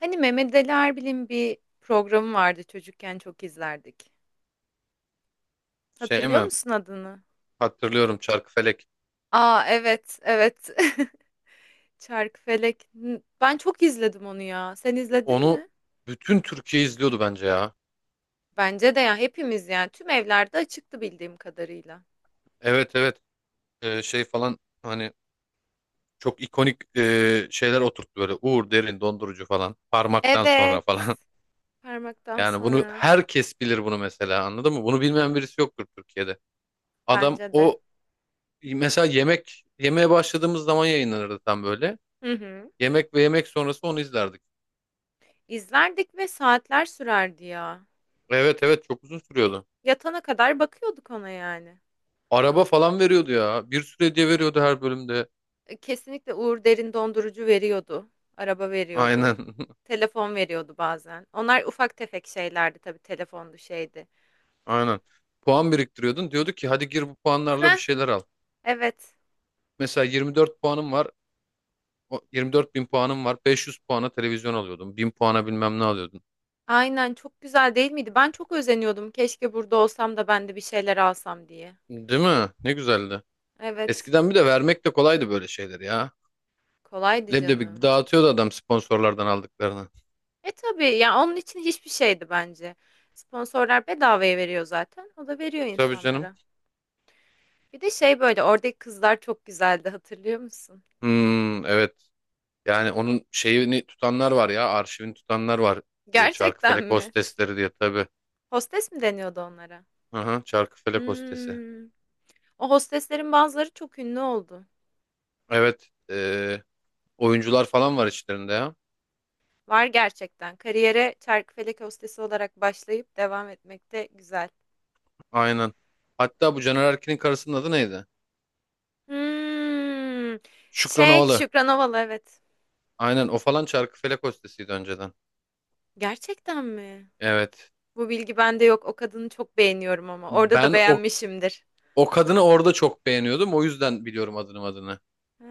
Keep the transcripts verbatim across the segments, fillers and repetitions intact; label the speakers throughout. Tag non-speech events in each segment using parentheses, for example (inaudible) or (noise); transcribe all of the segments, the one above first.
Speaker 1: Hani Mehmet Ali Erbil'in bir programı vardı çocukken çok izlerdik.
Speaker 2: Şey
Speaker 1: Hatırlıyor
Speaker 2: mi?
Speaker 1: musun adını?
Speaker 2: Hatırlıyorum Çarkıfelek.
Speaker 1: Aa evet evet. (laughs) Çarkıfelek. N- Ben çok izledim onu ya. Sen izledin
Speaker 2: Onu
Speaker 1: mi?
Speaker 2: bütün Türkiye izliyordu bence ya.
Speaker 1: Bence de ya hepimiz yani tüm evlerde açıktı bildiğim kadarıyla.
Speaker 2: Evet, evet. Ee, şey falan hani çok ikonik e, şeyler oturttu böyle. Uğur Derin dondurucu falan. Parmaktan sonra
Speaker 1: Evet.
Speaker 2: falan. (laughs)
Speaker 1: Parmaktan
Speaker 2: Yani bunu
Speaker 1: sonra
Speaker 2: herkes bilir bunu mesela, anladın mı? Bunu bilmeyen birisi yoktur Türkiye'de. Adam
Speaker 1: bence de.
Speaker 2: o mesela yemek yemeye başladığımız zaman yayınlanırdı tam böyle.
Speaker 1: Hı hı.
Speaker 2: Yemek ve yemek sonrası onu izlerdik.
Speaker 1: İzlerdik ve saatler sürerdi ya.
Speaker 2: Evet, evet, çok uzun sürüyordu.
Speaker 1: Yatana kadar bakıyorduk ona yani.
Speaker 2: Araba falan veriyordu ya. Bir süre diye veriyordu her bölümde.
Speaker 1: Kesinlikle Uğur Derin dondurucu veriyordu. Araba veriyordu.
Speaker 2: Aynen. (laughs)
Speaker 1: Telefon veriyordu bazen. Onlar ufak tefek şeylerdi tabii telefondu şeydi.
Speaker 2: Aynen. Puan biriktiriyordun. Diyordu ki hadi gir bu puanlarla bir
Speaker 1: Heh,
Speaker 2: şeyler al.
Speaker 1: evet.
Speaker 2: Mesela yirmi dört puanım var. o- 24 bin puanım var. beş yüz puana televizyon alıyordun. Bin puana bilmem ne alıyordun.
Speaker 1: Aynen çok güzel değil miydi? Ben çok özeniyordum. Keşke burada olsam da ben de bir şeyler alsam diye.
Speaker 2: Değil mi? Ne güzeldi.
Speaker 1: Evet.
Speaker 2: Eskiden bir de vermek de kolaydı böyle şeyler ya.
Speaker 1: Kolaydı
Speaker 2: Leblebi gibi
Speaker 1: canım.
Speaker 2: dağıtıyordu adam sponsorlardan aldıklarını.
Speaker 1: E tabii ya onun için hiçbir şeydi bence. Sponsorlar bedavaya veriyor zaten. O da veriyor
Speaker 2: Tabii canım.
Speaker 1: insanlara. Bir de şey böyle oradaki kızlar çok güzeldi hatırlıyor musun?
Speaker 2: Hmm, evet. Yani onun şeyini tutanlar var ya. Arşivini tutanlar var. E,
Speaker 1: Gerçekten
Speaker 2: Çarkıfelek
Speaker 1: mi?
Speaker 2: hostesleri diye tabii.
Speaker 1: Hostes mi deniyordu onlara?
Speaker 2: Aha, Çarkıfelek hostesi.
Speaker 1: Hmm. O hosteslerin bazıları çok ünlü oldu.
Speaker 2: Evet. e, oyuncular falan var içlerinde ya.
Speaker 1: Var gerçekten. Kariyere çarkıfelek hostesi olarak başlayıp devam etmek de güzel.
Speaker 2: Aynen. Hatta bu Caner Erkin'in karısının adı neydi?
Speaker 1: Hmm.
Speaker 2: Şükran
Speaker 1: Şey,
Speaker 2: Ovalı.
Speaker 1: Şükran Ovalı evet.
Speaker 2: Aynen o falan Çarkıfelek hostesiydi önceden.
Speaker 1: Gerçekten mi?
Speaker 2: Evet.
Speaker 1: Bu bilgi bende yok. O kadını çok beğeniyorum ama. Orada da
Speaker 2: Ben o
Speaker 1: beğenmişimdir.
Speaker 2: o kadını orada çok beğeniyordum. O yüzden biliyorum adını adını.
Speaker 1: Ha,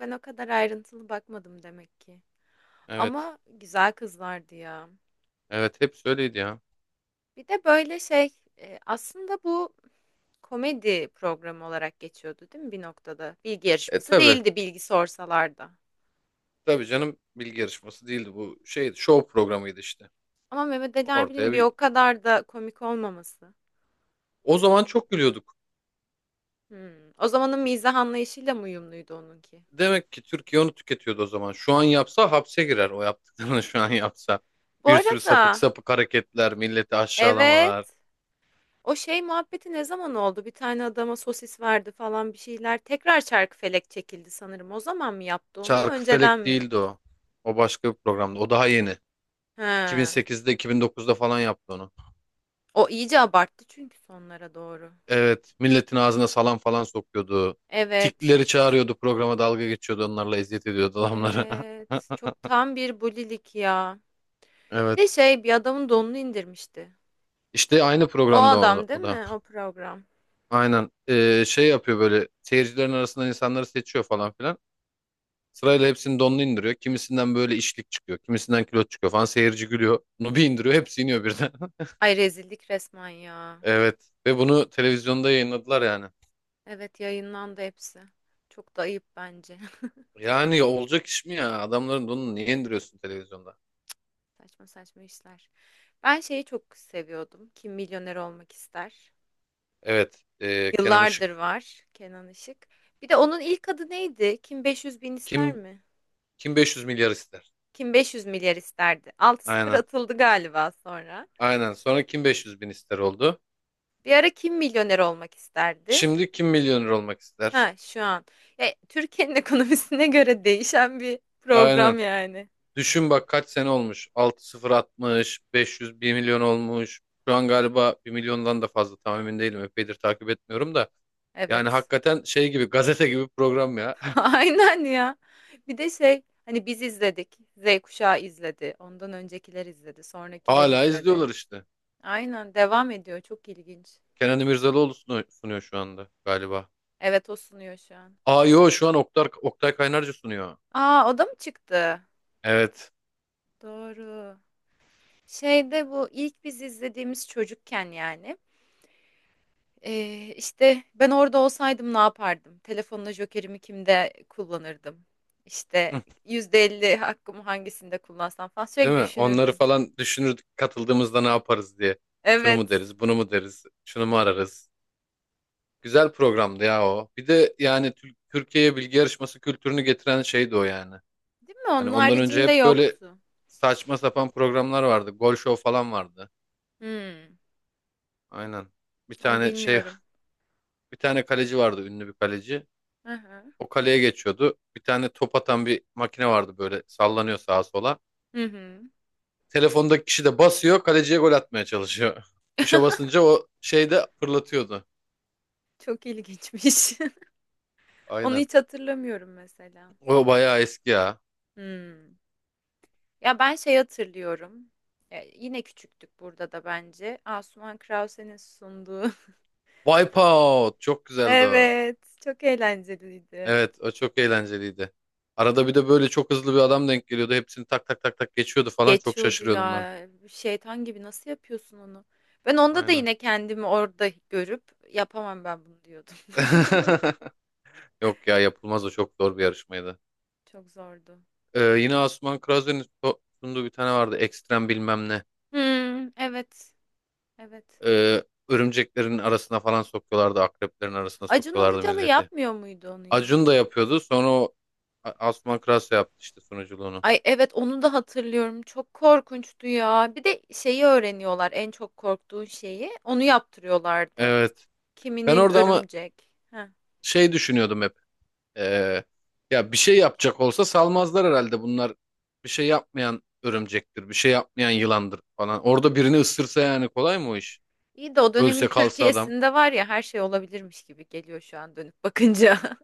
Speaker 1: ben o kadar ayrıntılı bakmadım demek ki.
Speaker 2: Evet.
Speaker 1: Ama güzel kızlardı ya.
Speaker 2: Evet, hep öyleydi ya.
Speaker 1: Bir de böyle şey, e, aslında bu komedi programı olarak geçiyordu değil mi bir noktada? Bilgi
Speaker 2: E,
Speaker 1: yarışması
Speaker 2: tabi.
Speaker 1: değildi bilgi sorsalar da.
Speaker 2: Tabi canım, bilgi yarışması değildi bu. Şey, show programıydı işte.
Speaker 1: Ama Mehmet Ali Erbil'in
Speaker 2: Ortaya
Speaker 1: bir
Speaker 2: bir
Speaker 1: o kadar da komik olmaması.
Speaker 2: O zaman çok gülüyorduk.
Speaker 1: Hmm. O zamanın mizah anlayışıyla mı uyumluydu onunki?
Speaker 2: Demek ki Türkiye onu tüketiyordu o zaman. Şu an yapsa hapse girer o yaptıklarını (laughs) şu an yapsa.
Speaker 1: Bu
Speaker 2: Bir sürü sapık
Speaker 1: arada
Speaker 2: sapık hareketler, milleti aşağılamalar.
Speaker 1: evet o şey muhabbeti ne zaman oldu? Bir tane adama sosis verdi falan bir şeyler. Tekrar Çarkıfelek çekildi sanırım. O zaman mı yaptı onu? Önceden
Speaker 2: Çarkıfelek
Speaker 1: mi?
Speaker 2: değildi o. O başka bir programdı. O daha yeni.
Speaker 1: He.
Speaker 2: iki bin sekizde, iki bin dokuzda falan yaptı onu.
Speaker 1: O iyice abarttı çünkü sonlara doğru.
Speaker 2: Evet, milletin ağzına salam falan sokuyordu.
Speaker 1: Evet.
Speaker 2: Tikleri çağırıyordu programa, dalga geçiyordu onlarla, eziyet ediyordu adamlara. (laughs)
Speaker 1: Evet. Çok tam bir bulilik ya. Bir de
Speaker 2: Evet.
Speaker 1: şey bir adamın donunu indirmişti.
Speaker 2: İşte aynı
Speaker 1: O
Speaker 2: programda o da.
Speaker 1: adam değil
Speaker 2: o da.
Speaker 1: mi? O program.
Speaker 2: Aynen. Ee, şey yapıyor böyle, seyircilerin arasından insanları seçiyor falan filan. Sırayla hepsinin donunu indiriyor. Kimisinden böyle işlik çıkıyor. Kimisinden kilo çıkıyor falan. Seyirci gülüyor. Bunu bir indiriyor. Hepsi iniyor birden. (laughs)
Speaker 1: Ay rezillik resmen ya.
Speaker 2: Evet. Ve bunu televizyonda yayınladılar yani.
Speaker 1: Evet yayınlandı hepsi. Çok da ayıp bence.
Speaker 2: Yani olacak iş mi ya? Adamların bunu niye indiriyorsun televizyonda?
Speaker 1: (laughs) Saçma saçma işler. Ben şeyi çok seviyordum. Kim Milyoner Olmak ister?
Speaker 2: Evet. e, Kenan
Speaker 1: Yıllardır
Speaker 2: Işık.
Speaker 1: var Kenan Işık. Bir de onun ilk adı neydi? Kim beş yüz bin ister
Speaker 2: Kim
Speaker 1: mi?
Speaker 2: kim beş yüz milyar ister?
Speaker 1: Kim beş yüz milyar isterdi? Altı sıfır
Speaker 2: Aynen.
Speaker 1: atıldı galiba sonra.
Speaker 2: Aynen. Sonra kim beş yüz bin ister oldu.
Speaker 1: Bir ara Kim Milyoner Olmak isterdi?
Speaker 2: Şimdi kim milyoner olmak
Speaker 1: Ha
Speaker 2: ister?
Speaker 1: şu an. E, Türkiye'nin (laughs) ekonomisine göre değişen bir
Speaker 2: Aynen.
Speaker 1: program yani.
Speaker 2: Düşün bak kaç sene olmuş. altı sıfır atmış. beş yüz, bir milyon olmuş. Şu an galiba bir milyondan da fazla, tam emin değilim. Epeydir takip etmiyorum da. Yani
Speaker 1: Evet.
Speaker 2: hakikaten şey gibi, gazete gibi program ya.
Speaker 1: (laughs) Aynen ya. Bir de şey hani biz izledik. Z kuşağı izledi. Ondan öncekiler izledi.
Speaker 2: (laughs)
Speaker 1: Sonrakiler
Speaker 2: Hala
Speaker 1: izledi.
Speaker 2: izliyorlar işte.
Speaker 1: Aynen devam ediyor. Çok ilginç.
Speaker 2: Kenan İmirzalıoğlu sunu- sunuyor şu anda galiba.
Speaker 1: Evet o sunuyor şu an.
Speaker 2: Aa, yo, şu an Oktay, Oktay Kaynarca sunuyor.
Speaker 1: Aa o da mı çıktı?
Speaker 2: Evet.
Speaker 1: Doğru. Şeyde bu ilk biz izlediğimiz çocukken yani. Ee, işte ben orada olsaydım ne yapardım? Telefonla jokerimi kimde kullanırdım? İşte
Speaker 2: Hı.
Speaker 1: yüzde elli hakkımı hangisinde kullansam falan
Speaker 2: Değil
Speaker 1: sürekli
Speaker 2: mi? Onları
Speaker 1: düşünürdüm.
Speaker 2: falan düşünürdük katıldığımızda ne yaparız diye. Şunu mu
Speaker 1: Evet.
Speaker 2: deriz, bunu mu deriz, şunu mu ararız. Güzel programdı ya o. Bir de yani Tür- Türkiye'ye bilgi yarışması kültürünü getiren şeydi o yani.
Speaker 1: Değil mi?
Speaker 2: Hani
Speaker 1: Onun
Speaker 2: ondan önce
Speaker 1: haricinde
Speaker 2: hep böyle
Speaker 1: yoktu.
Speaker 2: saçma sapan programlar vardı. Gol show falan vardı.
Speaker 1: Hmm,
Speaker 2: Aynen. Bir
Speaker 1: onu
Speaker 2: tane şey,
Speaker 1: bilmiyorum.
Speaker 2: (laughs) bir tane kaleci vardı, ünlü bir kaleci.
Speaker 1: Hı hı.
Speaker 2: O kaleye geçiyordu. Bir tane top atan bir makine vardı, böyle sallanıyor sağa sola.
Speaker 1: Hı hı.
Speaker 2: Telefondaki kişi de basıyor. Kaleciye gol atmaya çalışıyor. (laughs) Tuşa basınca o şey de fırlatıyordu.
Speaker 1: Çok ilginçmiş. (laughs) Onu
Speaker 2: Aynen.
Speaker 1: hiç hatırlamıyorum mesela.
Speaker 2: O bayağı eski ya.
Speaker 1: Hmm. Ya ben şey hatırlıyorum. E, yine küçüktük burada da bence. Asuman Krause'nin sunduğu.
Speaker 2: Wipeout. Çok
Speaker 1: (laughs)
Speaker 2: güzeldi o.
Speaker 1: Evet, çok eğlenceliydi.
Speaker 2: Evet, o çok eğlenceliydi. Arada bir de böyle çok hızlı bir adam denk geliyordu. Hepsini tak tak tak tak geçiyordu falan. Çok
Speaker 1: Geçiyordu
Speaker 2: şaşırıyordum ben.
Speaker 1: ya. Şeytan gibi nasıl yapıyorsun onu? Ben onda da
Speaker 2: Aynen.
Speaker 1: yine kendimi orada görüp yapamam ben bunu diyordum. (laughs)
Speaker 2: (laughs) Yok ya, yapılmaz, o çok zor bir yarışmaydı.
Speaker 1: Çok zordu.
Speaker 2: Ee, yine Asuman Krazer'in so- sunduğu bir tane vardı. Ekstrem bilmem ne.
Speaker 1: Hmm, evet. Evet.
Speaker 2: Ee, örümceklerin arasına falan sokuyorlardı. Akreplerin arasına
Speaker 1: Acun
Speaker 2: sokuyorlardı
Speaker 1: Ilıcalı
Speaker 2: milleti.
Speaker 1: yapmıyor muydu onu ya?
Speaker 2: Acun da yapıyordu. Sonra o A- Asuman Kras yaptı işte sunuculuğunu.
Speaker 1: Ay evet onu da hatırlıyorum. Çok korkunçtu ya. Bir de şeyi öğreniyorlar en çok korktuğun şeyi. Onu yaptırıyorlardı.
Speaker 2: Evet. Ben
Speaker 1: Kiminin
Speaker 2: orada ama
Speaker 1: örümcek. Heh.
Speaker 2: şey düşünüyordum hep. Ee, ya bir şey yapacak olsa salmazlar herhalde. Bunlar bir şey yapmayan örümcektir. Bir şey yapmayan yılandır falan. Orada birini ısırsa, yani kolay mı o iş?
Speaker 1: İyi de o
Speaker 2: Ölse
Speaker 1: dönemin
Speaker 2: kalsa adam.
Speaker 1: Türkiye'sinde var ya her şey olabilirmiş gibi geliyor şu an dönüp bakınca. (laughs)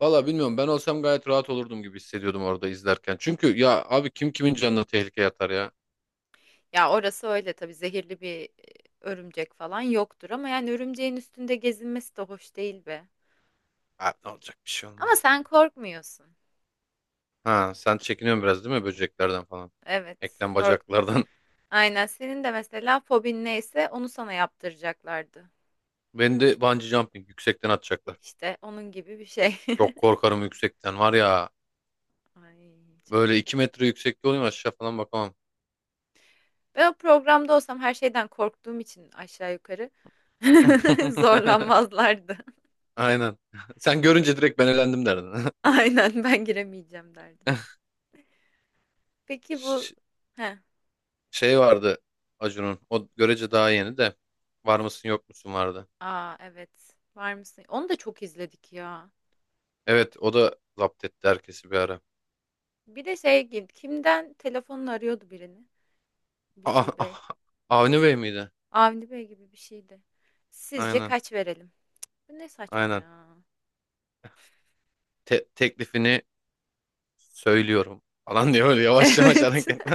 Speaker 2: Valla bilmiyorum. Ben olsam gayet rahat olurdum gibi hissediyordum orada izlerken. Çünkü ya abi, kim kimin canına tehlikeye atar ya?
Speaker 1: Ya orası öyle tabii zehirli bir e, örümcek falan yoktur ama yani örümceğin üstünde gezinmesi de hoş değil be.
Speaker 2: Abi ne olacak, bir şey
Speaker 1: Ama
Speaker 2: olmaz ya.
Speaker 1: sen korkmuyorsun.
Speaker 2: Ha, sen çekiniyorsun biraz değil mi böceklerden falan?
Speaker 1: Evet,
Speaker 2: Eklem
Speaker 1: kork.
Speaker 2: bacaklardan.
Speaker 1: Aynen senin de mesela fobin neyse onu sana yaptıracaklardı.
Speaker 2: Beni de bungee jumping yüksekten atacaklar.
Speaker 1: İşte onun gibi bir şey.
Speaker 2: Çok
Speaker 1: (laughs)
Speaker 2: korkarım yüksekten var ya.
Speaker 1: Ay çok
Speaker 2: Böyle
Speaker 1: kork.
Speaker 2: iki metre yüksekte olayım aşağı falan bakamam.
Speaker 1: Ben o programda olsam her şeyden korktuğum için aşağı yukarı (laughs)
Speaker 2: (laughs)
Speaker 1: zorlanmazlardı.
Speaker 2: Aynen. Sen görünce direkt ben elendim derdin.
Speaker 1: Aynen ben giremeyeceğim derdim.
Speaker 2: (laughs)
Speaker 1: Peki bu
Speaker 2: Ş-
Speaker 1: heh.
Speaker 2: Şey vardı Acun'un. O görece daha yeni de. Var mısın, yok musun vardı.
Speaker 1: Aa evet. Var mısın? Onu da çok izledik ya.
Speaker 2: Evet, o da zapt etti herkesi bir ara.
Speaker 1: Bir de şey gibi kimden telefonla arıyordu birini. Bir
Speaker 2: Aa,
Speaker 1: şey bey.
Speaker 2: ah, Avni Bey miydi?
Speaker 1: Avni Bey gibi bir şeydi. Sizce
Speaker 2: Aynen.
Speaker 1: kaç verelim? Bu ne saçma
Speaker 2: Aynen.
Speaker 1: ya.
Speaker 2: Te- teklifini söylüyorum. Falan diyor böyle,
Speaker 1: (laughs)
Speaker 2: yavaş yavaş
Speaker 1: Evet.
Speaker 2: hareket. (laughs)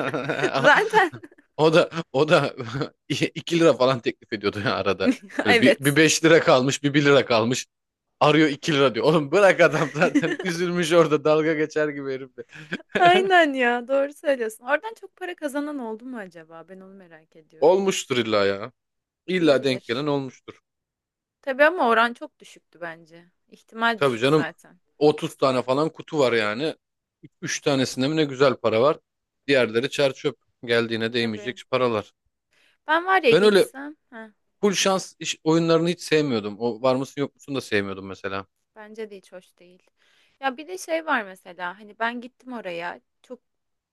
Speaker 1: (laughs) Zaten
Speaker 2: O da o da (laughs) iki lira falan teklif ediyordu ya arada.
Speaker 1: (laughs)
Speaker 2: Böyle bir, bir
Speaker 1: evet.
Speaker 2: beş lira kalmış, bir bir lira kalmış. Arıyor, iki lira diyor. Oğlum bırak adam, (laughs) zaten
Speaker 1: (laughs)
Speaker 2: üzülmüş orada, dalga geçer gibi herif de.
Speaker 1: Aynen ya doğru söylüyorsun. Oradan çok para kazanan oldu mu acaba? Ben onu merak ediyorum.
Speaker 2: Olmuştur illa ya. İlla denk
Speaker 1: Olabilir.
Speaker 2: gelen olmuştur.
Speaker 1: Tabii ama oran çok düşüktü bence. İhtimal
Speaker 2: Tabii
Speaker 1: düşük
Speaker 2: canım,
Speaker 1: zaten.
Speaker 2: otuz tane falan kutu var yani. Üç tanesinde mi ne güzel para var. Diğerleri çer çöp. Geldiğine
Speaker 1: Tabii.
Speaker 2: değmeyecek paralar.
Speaker 1: Ben var ya
Speaker 2: Ben öyle
Speaker 1: gitsem. Heh.
Speaker 2: full şans iş, oyunlarını hiç sevmiyordum. O var mısın yok musun da sevmiyordum mesela.
Speaker 1: Bence de hiç hoş değil. Ya bir de şey var mesela hani ben gittim oraya çok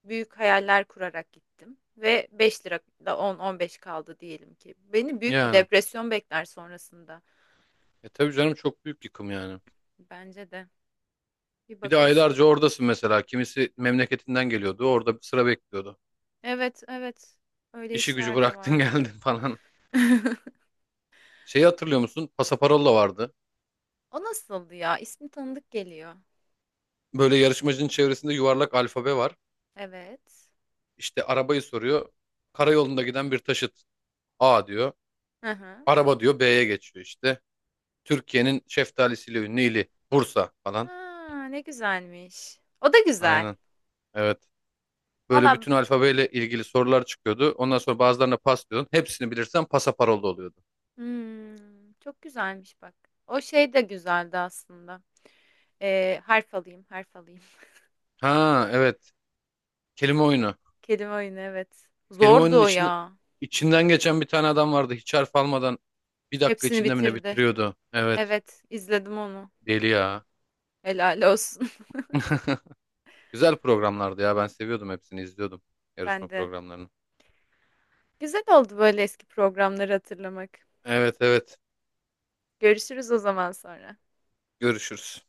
Speaker 1: büyük hayaller kurarak gittim ve beş lira da on on beş kaldı diyelim ki. Beni büyük bir
Speaker 2: Yani.
Speaker 1: depresyon bekler sonrasında.
Speaker 2: E, tabii canım, çok büyük yıkım yani.
Speaker 1: Bence de bir
Speaker 2: Bir de
Speaker 1: bakılsın.
Speaker 2: aylarca oradasın mesela. Kimisi memleketinden geliyordu. Orada bir sıra bekliyordu.
Speaker 1: Evet evet öyle
Speaker 2: İşi gücü
Speaker 1: işler de
Speaker 2: bıraktın (laughs)
Speaker 1: vardı.
Speaker 2: geldin falan.
Speaker 1: (laughs)
Speaker 2: Şeyi hatırlıyor musun? Pasaparolla vardı.
Speaker 1: O nasıldı ya? İsmi tanıdık geliyor.
Speaker 2: Böyle yarışmacının çevresinde yuvarlak alfabe var.
Speaker 1: Evet.
Speaker 2: İşte arabayı soruyor. Karayolunda giden bir taşıt. A diyor.
Speaker 1: Hı hı.
Speaker 2: Araba diyor, B'ye geçiyor işte. Türkiye'nin şeftalisiyle ünlü ili. Bursa falan.
Speaker 1: Aa, ne güzelmiş. O da güzel.
Speaker 2: Aynen. Evet. Böyle
Speaker 1: Valla
Speaker 2: bütün alfabeyle ilgili sorular çıkıyordu. Ondan sonra bazılarına pas diyordun. Hepsini bilirsen pasaparolda oluyordu.
Speaker 1: hmm, çok güzelmiş bak. O şey de güzeldi aslında. Ee, harf alayım, harf alayım.
Speaker 2: Ha, evet. Kelime oyunu.
Speaker 1: (laughs) Kelime oyunu evet.
Speaker 2: Kelime oyunun
Speaker 1: Zordu o
Speaker 2: içinde,
Speaker 1: ya.
Speaker 2: içinden geçen bir tane adam vardı. Hiç harf almadan bir dakika
Speaker 1: Hepsini
Speaker 2: içinde mi ne
Speaker 1: bitirdi.
Speaker 2: bitiriyordu? Evet.
Speaker 1: Evet, izledim onu.
Speaker 2: Deli ya.
Speaker 1: Helal olsun. (laughs)
Speaker 2: (laughs) Güzel programlardı ya. Ben seviyordum hepsini izliyordum.
Speaker 1: Ben
Speaker 2: Yarışma
Speaker 1: de.
Speaker 2: programlarını.
Speaker 1: Güzel oldu böyle eski programları hatırlamak.
Speaker 2: Evet, evet.
Speaker 1: Görüşürüz o zaman sonra.
Speaker 2: Görüşürüz.